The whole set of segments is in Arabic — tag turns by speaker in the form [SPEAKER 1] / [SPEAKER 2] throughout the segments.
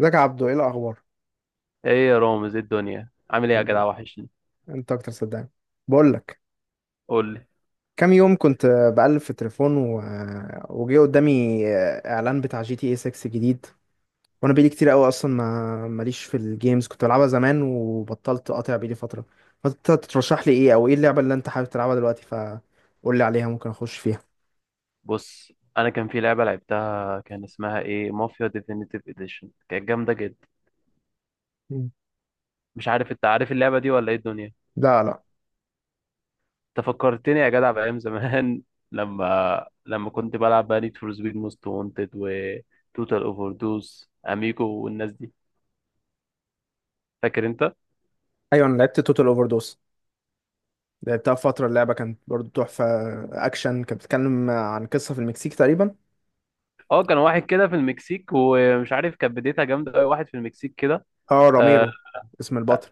[SPEAKER 1] ازيك يا عبدو؟ ايه الاخبار؟
[SPEAKER 2] ايه يا رامز، ايه الدنيا؟ عامل ايه يا
[SPEAKER 1] الحمد لله.
[SPEAKER 2] جدع؟ وحشني.
[SPEAKER 1] انت اكتر، صدقني. بقول لك،
[SPEAKER 2] قول لي.
[SPEAKER 1] كام يوم كنت بقلب في التليفون وجه قدامي اعلان بتاع جي تي اي 6 جديد. وانا بقالي كتير قوي اصلا ما ماليش في الجيمز، كنت بلعبها زمان وبطلت، قاطع بقالي فتره. فانت ترشح لي ايه؟ او ايه اللعبه اللي انت حابب تلعبها دلوقتي؟ فقول لي عليها، ممكن اخش فيها.
[SPEAKER 2] بص، انا كان في لعبه لعبتها كان اسمها ايه، مافيا ديفينيتيف اديشن، كانت جامده جدا.
[SPEAKER 1] مم.
[SPEAKER 2] مش عارف انت عارف اللعبه دي ولا ايه الدنيا؟
[SPEAKER 1] لا، لا.
[SPEAKER 2] انت فكرتني يا جدع بايام زمان لما كنت بلعب بقى نيد فور سبيد موست وانتد وتوتال اوفر دوز اميجو والناس دي. فاكر انت؟
[SPEAKER 1] ايوه، انا لعبت توتال اوفر دوس، لعبتها فتره. اللعبه كانت برضو تحفه، اكشن، كانت بتتكلم عن قصه في المكسيك تقريبا.
[SPEAKER 2] اه، كان واحد كده في المكسيك، ومش عارف، كانت بدايتها جامده قوي. واحد في المكسيك كده.
[SPEAKER 1] اه،
[SPEAKER 2] آه،
[SPEAKER 1] راميرو اسم البطل.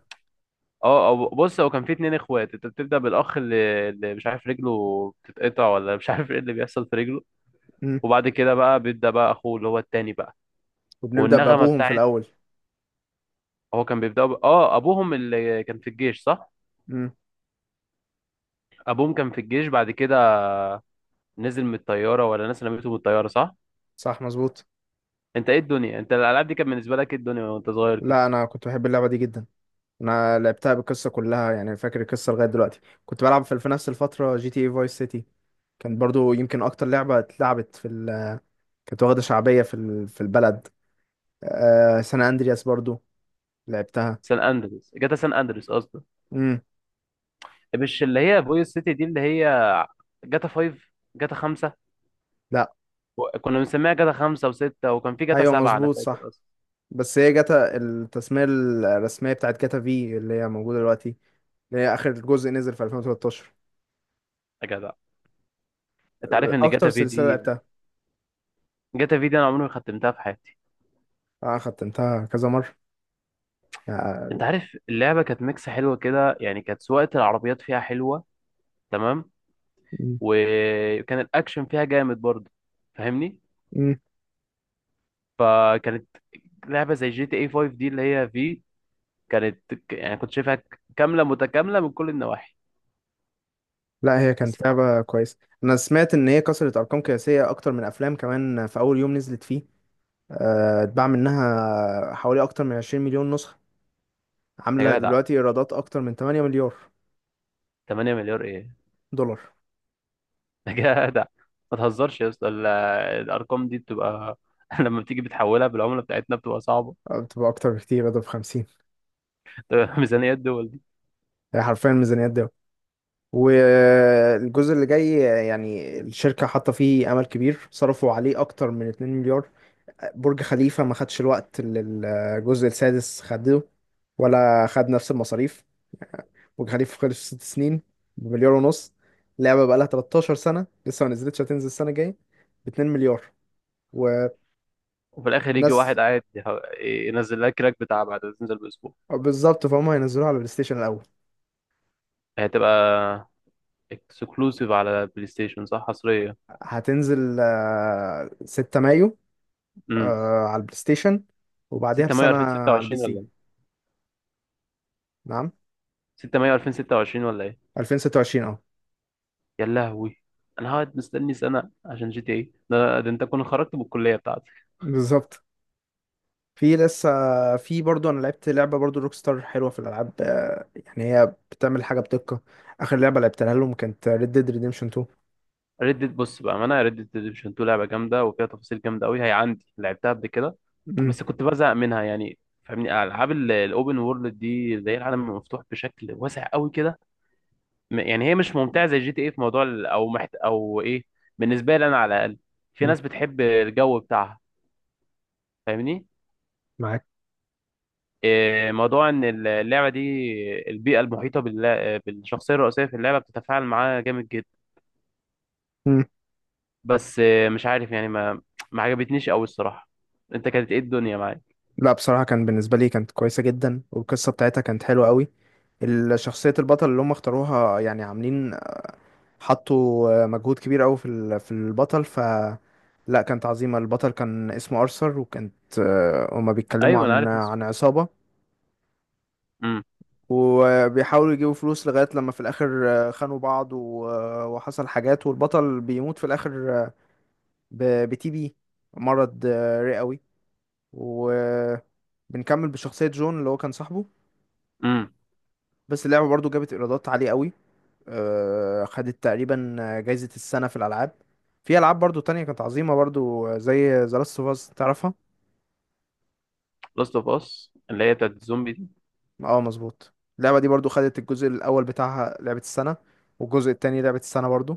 [SPEAKER 2] بص، هو كان في اتنين اخوات. انت بتبدأ بالاخ اللي، مش عارف رجله بتتقطع ولا مش عارف ايه اللي بيحصل في رجله. وبعد كده بقى بيبدأ بقى اخوه اللي هو التاني بقى.
[SPEAKER 1] وبنبدأ
[SPEAKER 2] والنغمة
[SPEAKER 1] بأبوهم في
[SPEAKER 2] بتاعت،
[SPEAKER 1] الأول.
[SPEAKER 2] هو كان بيبدأ ب... ابوهم اللي كان في الجيش، صح؟
[SPEAKER 1] امم.
[SPEAKER 2] ابوهم كان في الجيش. بعد كده نزل من الطيارة، ولا ناس نمته من الطيارة، صح؟
[SPEAKER 1] صح، مظبوط.
[SPEAKER 2] انت ايه الدنيا؟ انت الالعاب دي كانت بالنسبة لك ايه الدنيا وانت صغير كده؟
[SPEAKER 1] لا، أنا كنت بحب اللعبة دي جدا. أنا لعبتها بالقصة كلها، يعني فاكر القصة لغاية دلوقتي. كنت بلعب في نفس الفترة جي تي اي فايس سيتي، كانت برضو يمكن أكتر لعبة اتلعبت في كانت واخدة شعبية في في البلد. سان أندرياس برضو لعبتها.
[SPEAKER 2] سان اندريس، جاتا سان اندريس قصدي.
[SPEAKER 1] امم.
[SPEAKER 2] مش اللي هي فويس سيتي دي، اللي هي جاتا 5. جاتا 5.
[SPEAKER 1] لا.
[SPEAKER 2] كنا بنسميها جاتا 5 و6، وكان في جاتا
[SPEAKER 1] أيوة،
[SPEAKER 2] 7 انا
[SPEAKER 1] مظبوط،
[SPEAKER 2] فاكر
[SPEAKER 1] صح.
[SPEAKER 2] أصلا.
[SPEAKER 1] بس هي جاتا التسمية الرسمية بتاعت جاتا في اللي هي موجودة دلوقتي، اللي هي آخر جزء نزل في 2013.
[SPEAKER 2] يا جدع، انت عارف ان
[SPEAKER 1] أكتر
[SPEAKER 2] جاتا في
[SPEAKER 1] سلسلة
[SPEAKER 2] دي،
[SPEAKER 1] لعبتها.
[SPEAKER 2] جاتا في دي انا عمري ما ختمتها في حياتي.
[SPEAKER 1] أنا ختمتها كذا مرة يعني.
[SPEAKER 2] انت عارف اللعبه كانت ميكس حلوه كده، يعني كانت سواقه العربيات فيها حلوه. تمام.
[SPEAKER 1] مم.
[SPEAKER 2] وكان الاكشن فيها جامد برضه. فاهمني؟
[SPEAKER 1] مم.
[SPEAKER 2] فكانت لعبه زي جي تي اي 5 دي، اللي هي في، كانت يعني كنت شايفها كامله متكامله من كل النواحي.
[SPEAKER 1] لا، هي كانت
[SPEAKER 2] الصراحه.
[SPEAKER 1] لعبة كويسة. أنا سمعت إن هي كسرت أرقام قياسية أكتر من أفلام كمان في أول يوم نزلت فيه. اتباع منها حوالي أكتر من 20 مليون نسخة. عاملة
[SPEAKER 2] يا جدع،
[SPEAKER 1] دلوقتي إيرادات أكتر من 8 مليار
[SPEAKER 2] 8 مليار ايه؟
[SPEAKER 1] دولار.
[SPEAKER 2] يا جدع، ما تهزرش يا اسطى. الارقام دي بتبقى لما بتيجي بتحولها بالعمله بتاعتنا بتبقى صعبه.
[SPEAKER 1] بتبقى أكتر بكتير، ده ب 50.
[SPEAKER 2] ميزانيات دول.
[SPEAKER 1] هي حرفيا ميزانيات ده. والجزء اللي جاي يعني الشركة حاطة فيه أمل كبير، صرفوا عليه أكتر من 2 مليار. برج خليفة ما خدش الوقت اللي الجزء السادس خده، ولا خد نفس المصاريف. وكان خليفه خلص في ست سنين بمليار ونص. اللعبه بقى لها 13 سنه لسه ما نزلتش، هتنزل السنه الجايه ب 2 مليار. والناس،
[SPEAKER 2] وفي الاخر يجي واحد قاعد ينزل لها كراك بتاع بعد ما تنزل باسبوع.
[SPEAKER 1] بالظبط. فهم هينزلوها على البلاي ستيشن الاول.
[SPEAKER 2] هي هتبقى اكسكلوسيف على بلاي ستيشن، صح؟ حصريه.
[SPEAKER 1] هتنزل 6 مايو
[SPEAKER 2] امم.
[SPEAKER 1] على البلاي ستيشن، وبعديها
[SPEAKER 2] 6 مايو
[SPEAKER 1] بسنه على البي
[SPEAKER 2] 2026
[SPEAKER 1] سي.
[SPEAKER 2] ولا إيه؟
[SPEAKER 1] نعم.
[SPEAKER 2] 6 مايو 2026 ولا ايه؟
[SPEAKER 1] 2026، اه،
[SPEAKER 2] يا لهوي، انا هقعد مستني سنه عشان جي تي اي ده؟ انت كنت خرجت من الكليه بتاعتك.
[SPEAKER 1] بالظبط. في لسه، في برضو. انا لعبت لعبه برضو روك ستار حلوه في الالعاب، يعني هي بتعمل حاجه بدقه. اخر لعبه لعبتها لهم كانت ريد ديد ريديمشن 2.
[SPEAKER 2] ريد ديد، بص بقى، ما انا ريد ديد ريدمشن 2 لعبه جامده وفيها تفاصيل جامده قوي، هي عندي لعبتها قبل كده.
[SPEAKER 1] امم.
[SPEAKER 2] بس كنت بزهق منها يعني. فاهمني؟ العاب الاوبن وورلد دي، زي العالم المفتوح بشكل واسع قوي كده، يعني هي مش ممتعه زي جي تي ايه في موضوع ال- او محت... او ايه. بالنسبه لي انا على الاقل. في ناس بتحب الجو بتاعها. فاهمني؟
[SPEAKER 1] معاك.
[SPEAKER 2] إيه موضوع ان اللعبه دي، البيئه المحيطه بالشخصيه الرئيسيه في اللعبه بتتفاعل معاها جامد جدا. بس إيه، مش عارف يعني، ما عجبتنيش قوي الصراحه. انت كانت ايه الدنيا معاك؟
[SPEAKER 1] لا بصراحة، كان بالنسبة لي كانت كويسة جدا، والقصة بتاعتها كانت حلوة قوي. شخصية البطل اللي هم اختاروها، يعني عاملين، حطوا مجهود كبير قوي في في البطل. ف لا، كانت عظيمة. البطل كان اسمه أرثر. وكانت هما بيتكلموا
[SPEAKER 2] ايوه انا
[SPEAKER 1] عن
[SPEAKER 2] عارف اسمه.
[SPEAKER 1] عن عصابة،
[SPEAKER 2] امم.
[SPEAKER 1] وبيحاولوا يجيبوا فلوس لغاية لما في الآخر خانوا بعض وحصل حاجات، والبطل بيموت في الآخر بتي بي مرض رئوي. وبنكمل بشخصية جون اللي هو كان صاحبه.
[SPEAKER 2] امم.
[SPEAKER 1] بس اللعبة برضو جابت ايرادات عالية قوي. خدت تقريبا جايزة السنة في الألعاب. في ألعاب برضو تانية كانت عظيمة برضو، زي The Last of Us، تعرفها؟
[SPEAKER 2] لاست اوف اس، اللي هي بتاعت الزومبي دي.
[SPEAKER 1] اه، مظبوط. اللعبة دي برضو خدت الجزء الأول بتاعها لعبة السنة، والجزء التاني لعبة السنة برضو.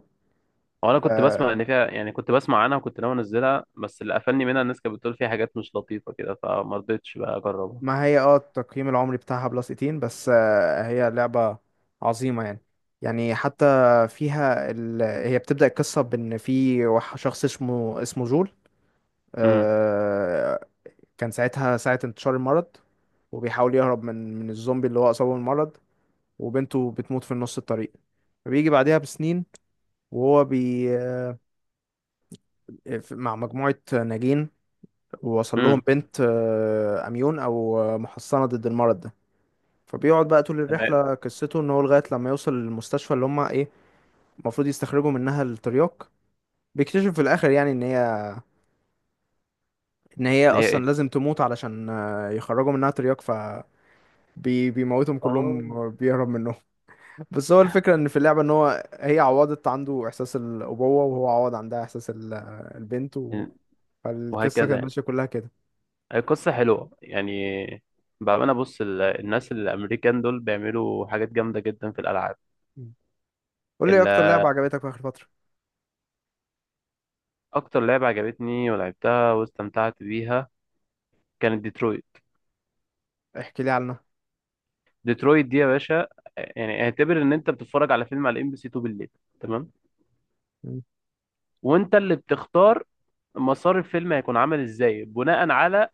[SPEAKER 2] وانا كنت بسمع
[SPEAKER 1] آه،
[SPEAKER 2] ان فيها، يعني كنت بسمع عنها، وكنت ناوي انزلها، بس اللي قفلني منها الناس كانت بتقول فيها حاجات مش لطيفه كده، فما رضيتش بقى اجربها.
[SPEAKER 1] ما هي اه التقييم العمري بتاعها بلس 18 بس، هي لعبة عظيمة يعني. يعني حتى فيها هي بتبدأ القصة بإن في شخص اسمه جول.
[SPEAKER 2] امم.
[SPEAKER 1] آه، كان ساعتها ساعة انتشار المرض، وبيحاول يهرب من الزومبي اللي هو أصابه بالمرض، وبنته بتموت في نص الطريق. فبيجي بعدها بسنين، وهو مع مجموعة ناجين، ووصل لهم
[SPEAKER 2] امم.
[SPEAKER 1] بنت أميون، أو محصنة ضد المرض ده. فبيقعد بقى طول
[SPEAKER 2] تمام.
[SPEAKER 1] الرحلة، قصته إن هو لغاية لما يوصل للمستشفى اللي هما إيه المفروض يستخرجوا منها الترياق. بيكتشف في الآخر يعني إن هي
[SPEAKER 2] هي ايه؟
[SPEAKER 1] أصلا لازم تموت علشان يخرجوا منها ترياق. ف بيموتهم
[SPEAKER 2] اه.
[SPEAKER 1] كلهم، بيهرب منهم. بس هو الفكرة ان في اللعبة ان هو هي عوضت عنده احساس الابوة، وهو عوض عندها احساس البنت فالقصة
[SPEAKER 2] وهكذا
[SPEAKER 1] كانت
[SPEAKER 2] يعني.
[SPEAKER 1] ماشية كلها كده.
[SPEAKER 2] هي قصة حلوة يعني. بأمانة، بص، الناس الأمريكان دول بيعملوا حاجات جامدة جدا في الألعاب.
[SPEAKER 1] مم. قول لي إيه
[SPEAKER 2] ال-
[SPEAKER 1] اكتر لعبة عجبتك في اخر فترة؟
[SPEAKER 2] أكتر لعبة عجبتني ولعبتها واستمتعت بيها كانت ديترويت.
[SPEAKER 1] احكي لي عنها.
[SPEAKER 2] ديترويت دي يا باشا، يعني اعتبر إن أنت بتتفرج على فيلم على ام بي سي 2 بالليل. تمام؟
[SPEAKER 1] مم.
[SPEAKER 2] وأنت اللي بتختار مسار الفيلم هيكون عامل إزاي، بناء على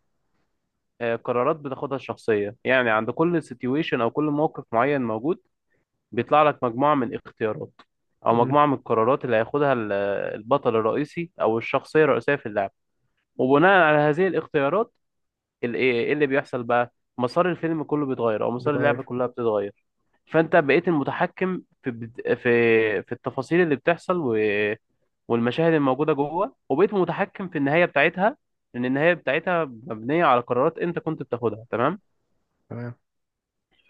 [SPEAKER 2] قرارات بتاخدها الشخصية. يعني عند كل سيتويشن أو كل موقف معين موجود، بيطلع لك مجموعة من اختيارات أو
[SPEAKER 1] مم.
[SPEAKER 2] مجموعة من القرارات اللي هياخدها البطل الرئيسي أو الشخصية الرئيسية في اللعبة. وبناء على هذه الاختيارات، إيه اللي بيحصل بقى، مسار الفيلم كله بيتغير أو مسار اللعبة
[SPEAKER 1] بتغير.
[SPEAKER 2] كلها بتتغير. فأنت بقيت المتحكم في في التفاصيل اللي بتحصل والمشاهد الموجودة جوه، وبقيت متحكم في النهاية بتاعتها. لأن النهاية بتاعتها مبنية على قرارات أنت كنت بتاخدها. تمام؟
[SPEAKER 1] تمام.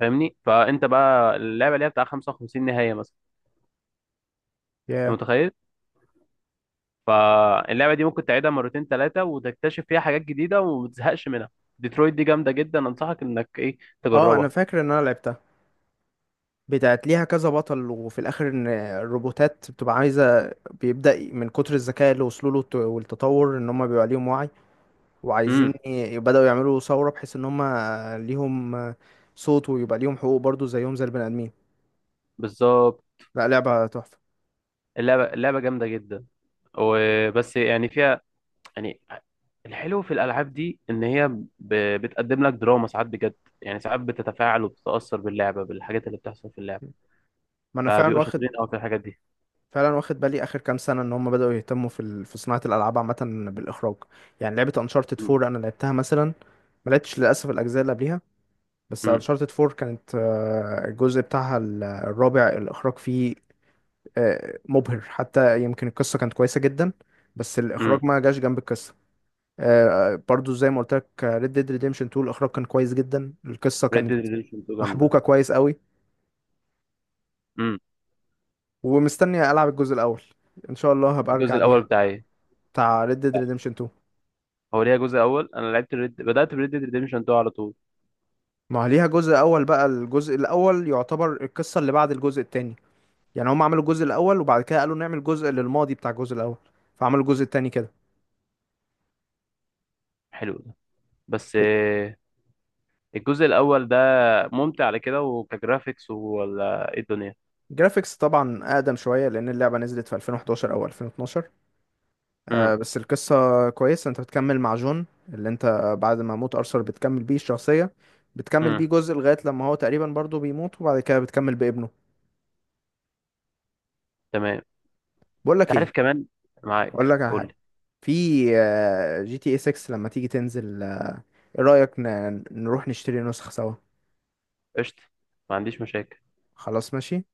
[SPEAKER 2] فاهمني؟ فأنت بقى اللعبة اللي هي بتاع 55 نهاية مثلا. أنت
[SPEAKER 1] يا.
[SPEAKER 2] متخيل؟ فاللعبة دي ممكن تعيدها مرتين ثلاثة وتكتشف فيها حاجات جديدة وما تزهقش منها. ديترويت دي جامدة جدا، أنصحك إنك إيه،
[SPEAKER 1] اه، انا
[SPEAKER 2] تجربها.
[SPEAKER 1] فاكر ان انا لعبتها، بتاعت ليها كذا بطل، وفي الاخر ان الروبوتات بتبقى عايزة. بيبدأ من كتر الذكاء اللي وصلوا له والتطور ان هم بيبقى ليهم وعي، وعايزين
[SPEAKER 2] امم.
[SPEAKER 1] بدأوا يعملوا ثورة بحيث ان هم ليهم صوت، ويبقى ليهم حقوق برضو زيهم زي البني ادمين.
[SPEAKER 2] بالظبط.
[SPEAKER 1] لا، لعبة تحفة.
[SPEAKER 2] اللعبة، اللعبة جامدة جدا. وبس يعني فيها، يعني الحلو في الألعاب دي إن هي ب... بتقدم لك دراما ساعات بجد. يعني ساعات بتتفاعل وبتتأثر باللعبة، بالحاجات اللي بتحصل في اللعبة.
[SPEAKER 1] ما انا فعلا
[SPEAKER 2] فبيبقوا شاطرين
[SPEAKER 1] واخد،
[SPEAKER 2] قوي في الحاجات دي.
[SPEAKER 1] فعلا واخد بالي اخر كام سنة ان هم بدأوا يهتموا في في صناعة الالعاب عامة بالاخراج. يعني لعبة انشارتد
[SPEAKER 2] امم.
[SPEAKER 1] 4 انا لعبتها مثلا، ما لعبتش للاسف الاجزاء اللي قبليها. بس
[SPEAKER 2] امم.
[SPEAKER 1] انشارتد 4 كانت الجزء بتاعها الرابع، الاخراج فيه مبهر، حتى يمكن القصة كانت كويسة جدا بس
[SPEAKER 2] امم.
[SPEAKER 1] الاخراج ما جاش جنب القصة. برضو زي ما قلت لك ريد ديد ريديمشن 2، الاخراج كان كويس جدا، القصة
[SPEAKER 2] ريد
[SPEAKER 1] كانت
[SPEAKER 2] ديد ريدمشن 2 جامدة.
[SPEAKER 1] محبوكة كويس قوي.
[SPEAKER 2] امم.
[SPEAKER 1] ومستني العب الجزء الاول، ان شاء الله هبقى
[SPEAKER 2] الجزء
[SPEAKER 1] ارجع
[SPEAKER 2] الأول
[SPEAKER 1] ليها،
[SPEAKER 2] بتاعي،
[SPEAKER 1] بتاع Red Dead Redemption 2.
[SPEAKER 2] هو ليها جزء اول؟ انا لعبت الريد، بدات بريد ديد ريديمشن 2 على طول.
[SPEAKER 1] ما ليها جزء اول بقى، الجزء الاول يعتبر القصه اللي بعد الجزء التاني. يعني هم عملوا الجزء الاول وبعد كده قالوا نعمل جزء للماضي بتاع الجزء الاول، فعملوا الجزء التاني كده.
[SPEAKER 2] حلو ده. بس
[SPEAKER 1] بت-
[SPEAKER 2] آه، الجزء الاول ده ممتع على كده، وكجرافيكس ولا ايه الدنيا؟
[SPEAKER 1] الجرافيكس طبعا اقدم شويه لان اللعبه نزلت في 2011 او 2012.
[SPEAKER 2] امم.
[SPEAKER 1] آه، بس القصه كويسه، انت بتكمل مع جون اللي انت، بعد ما موت ارثر بتكمل بيه الشخصيه، بتكمل بيه
[SPEAKER 2] امم.
[SPEAKER 1] جزء لغايه لما هو تقريبا برضه بيموت، وبعد كده بتكمل بابنه.
[SPEAKER 2] تمام.
[SPEAKER 1] بقول لك
[SPEAKER 2] انت عارف
[SPEAKER 1] ايه،
[SPEAKER 2] كمان، معاك،
[SPEAKER 1] اقول لك على
[SPEAKER 2] قول
[SPEAKER 1] حاجه.
[SPEAKER 2] لي.
[SPEAKER 1] في جي تي اي 6 لما تيجي تنزل، ايه رأيك نروح نشتري نسخ سوا؟
[SPEAKER 2] قشطه. ما عنديش مشاكل.
[SPEAKER 1] خلاص، ماشي.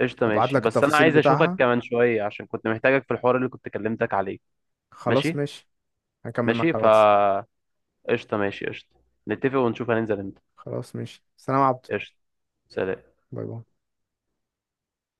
[SPEAKER 2] قشطه،
[SPEAKER 1] هبعت
[SPEAKER 2] ماشي،
[SPEAKER 1] لك
[SPEAKER 2] بس انا
[SPEAKER 1] التفاصيل
[SPEAKER 2] عايز اشوفك
[SPEAKER 1] بتاعها،
[SPEAKER 2] كمان شويه عشان كنت محتاجك في الحوار اللي كنت كلمتك عليه.
[SPEAKER 1] خلاص
[SPEAKER 2] ماشي.
[SPEAKER 1] ماشي. هكمل
[SPEAKER 2] ماشي
[SPEAKER 1] معاك على
[SPEAKER 2] فا،
[SPEAKER 1] الواتس.
[SPEAKER 2] قشطه ماشي قشطه. نتفق ونشوف هننزل امتى.
[SPEAKER 1] خلاص، ماشي. سلام يا عبدو.
[SPEAKER 2] قشطه. سلام.
[SPEAKER 1] باي باي.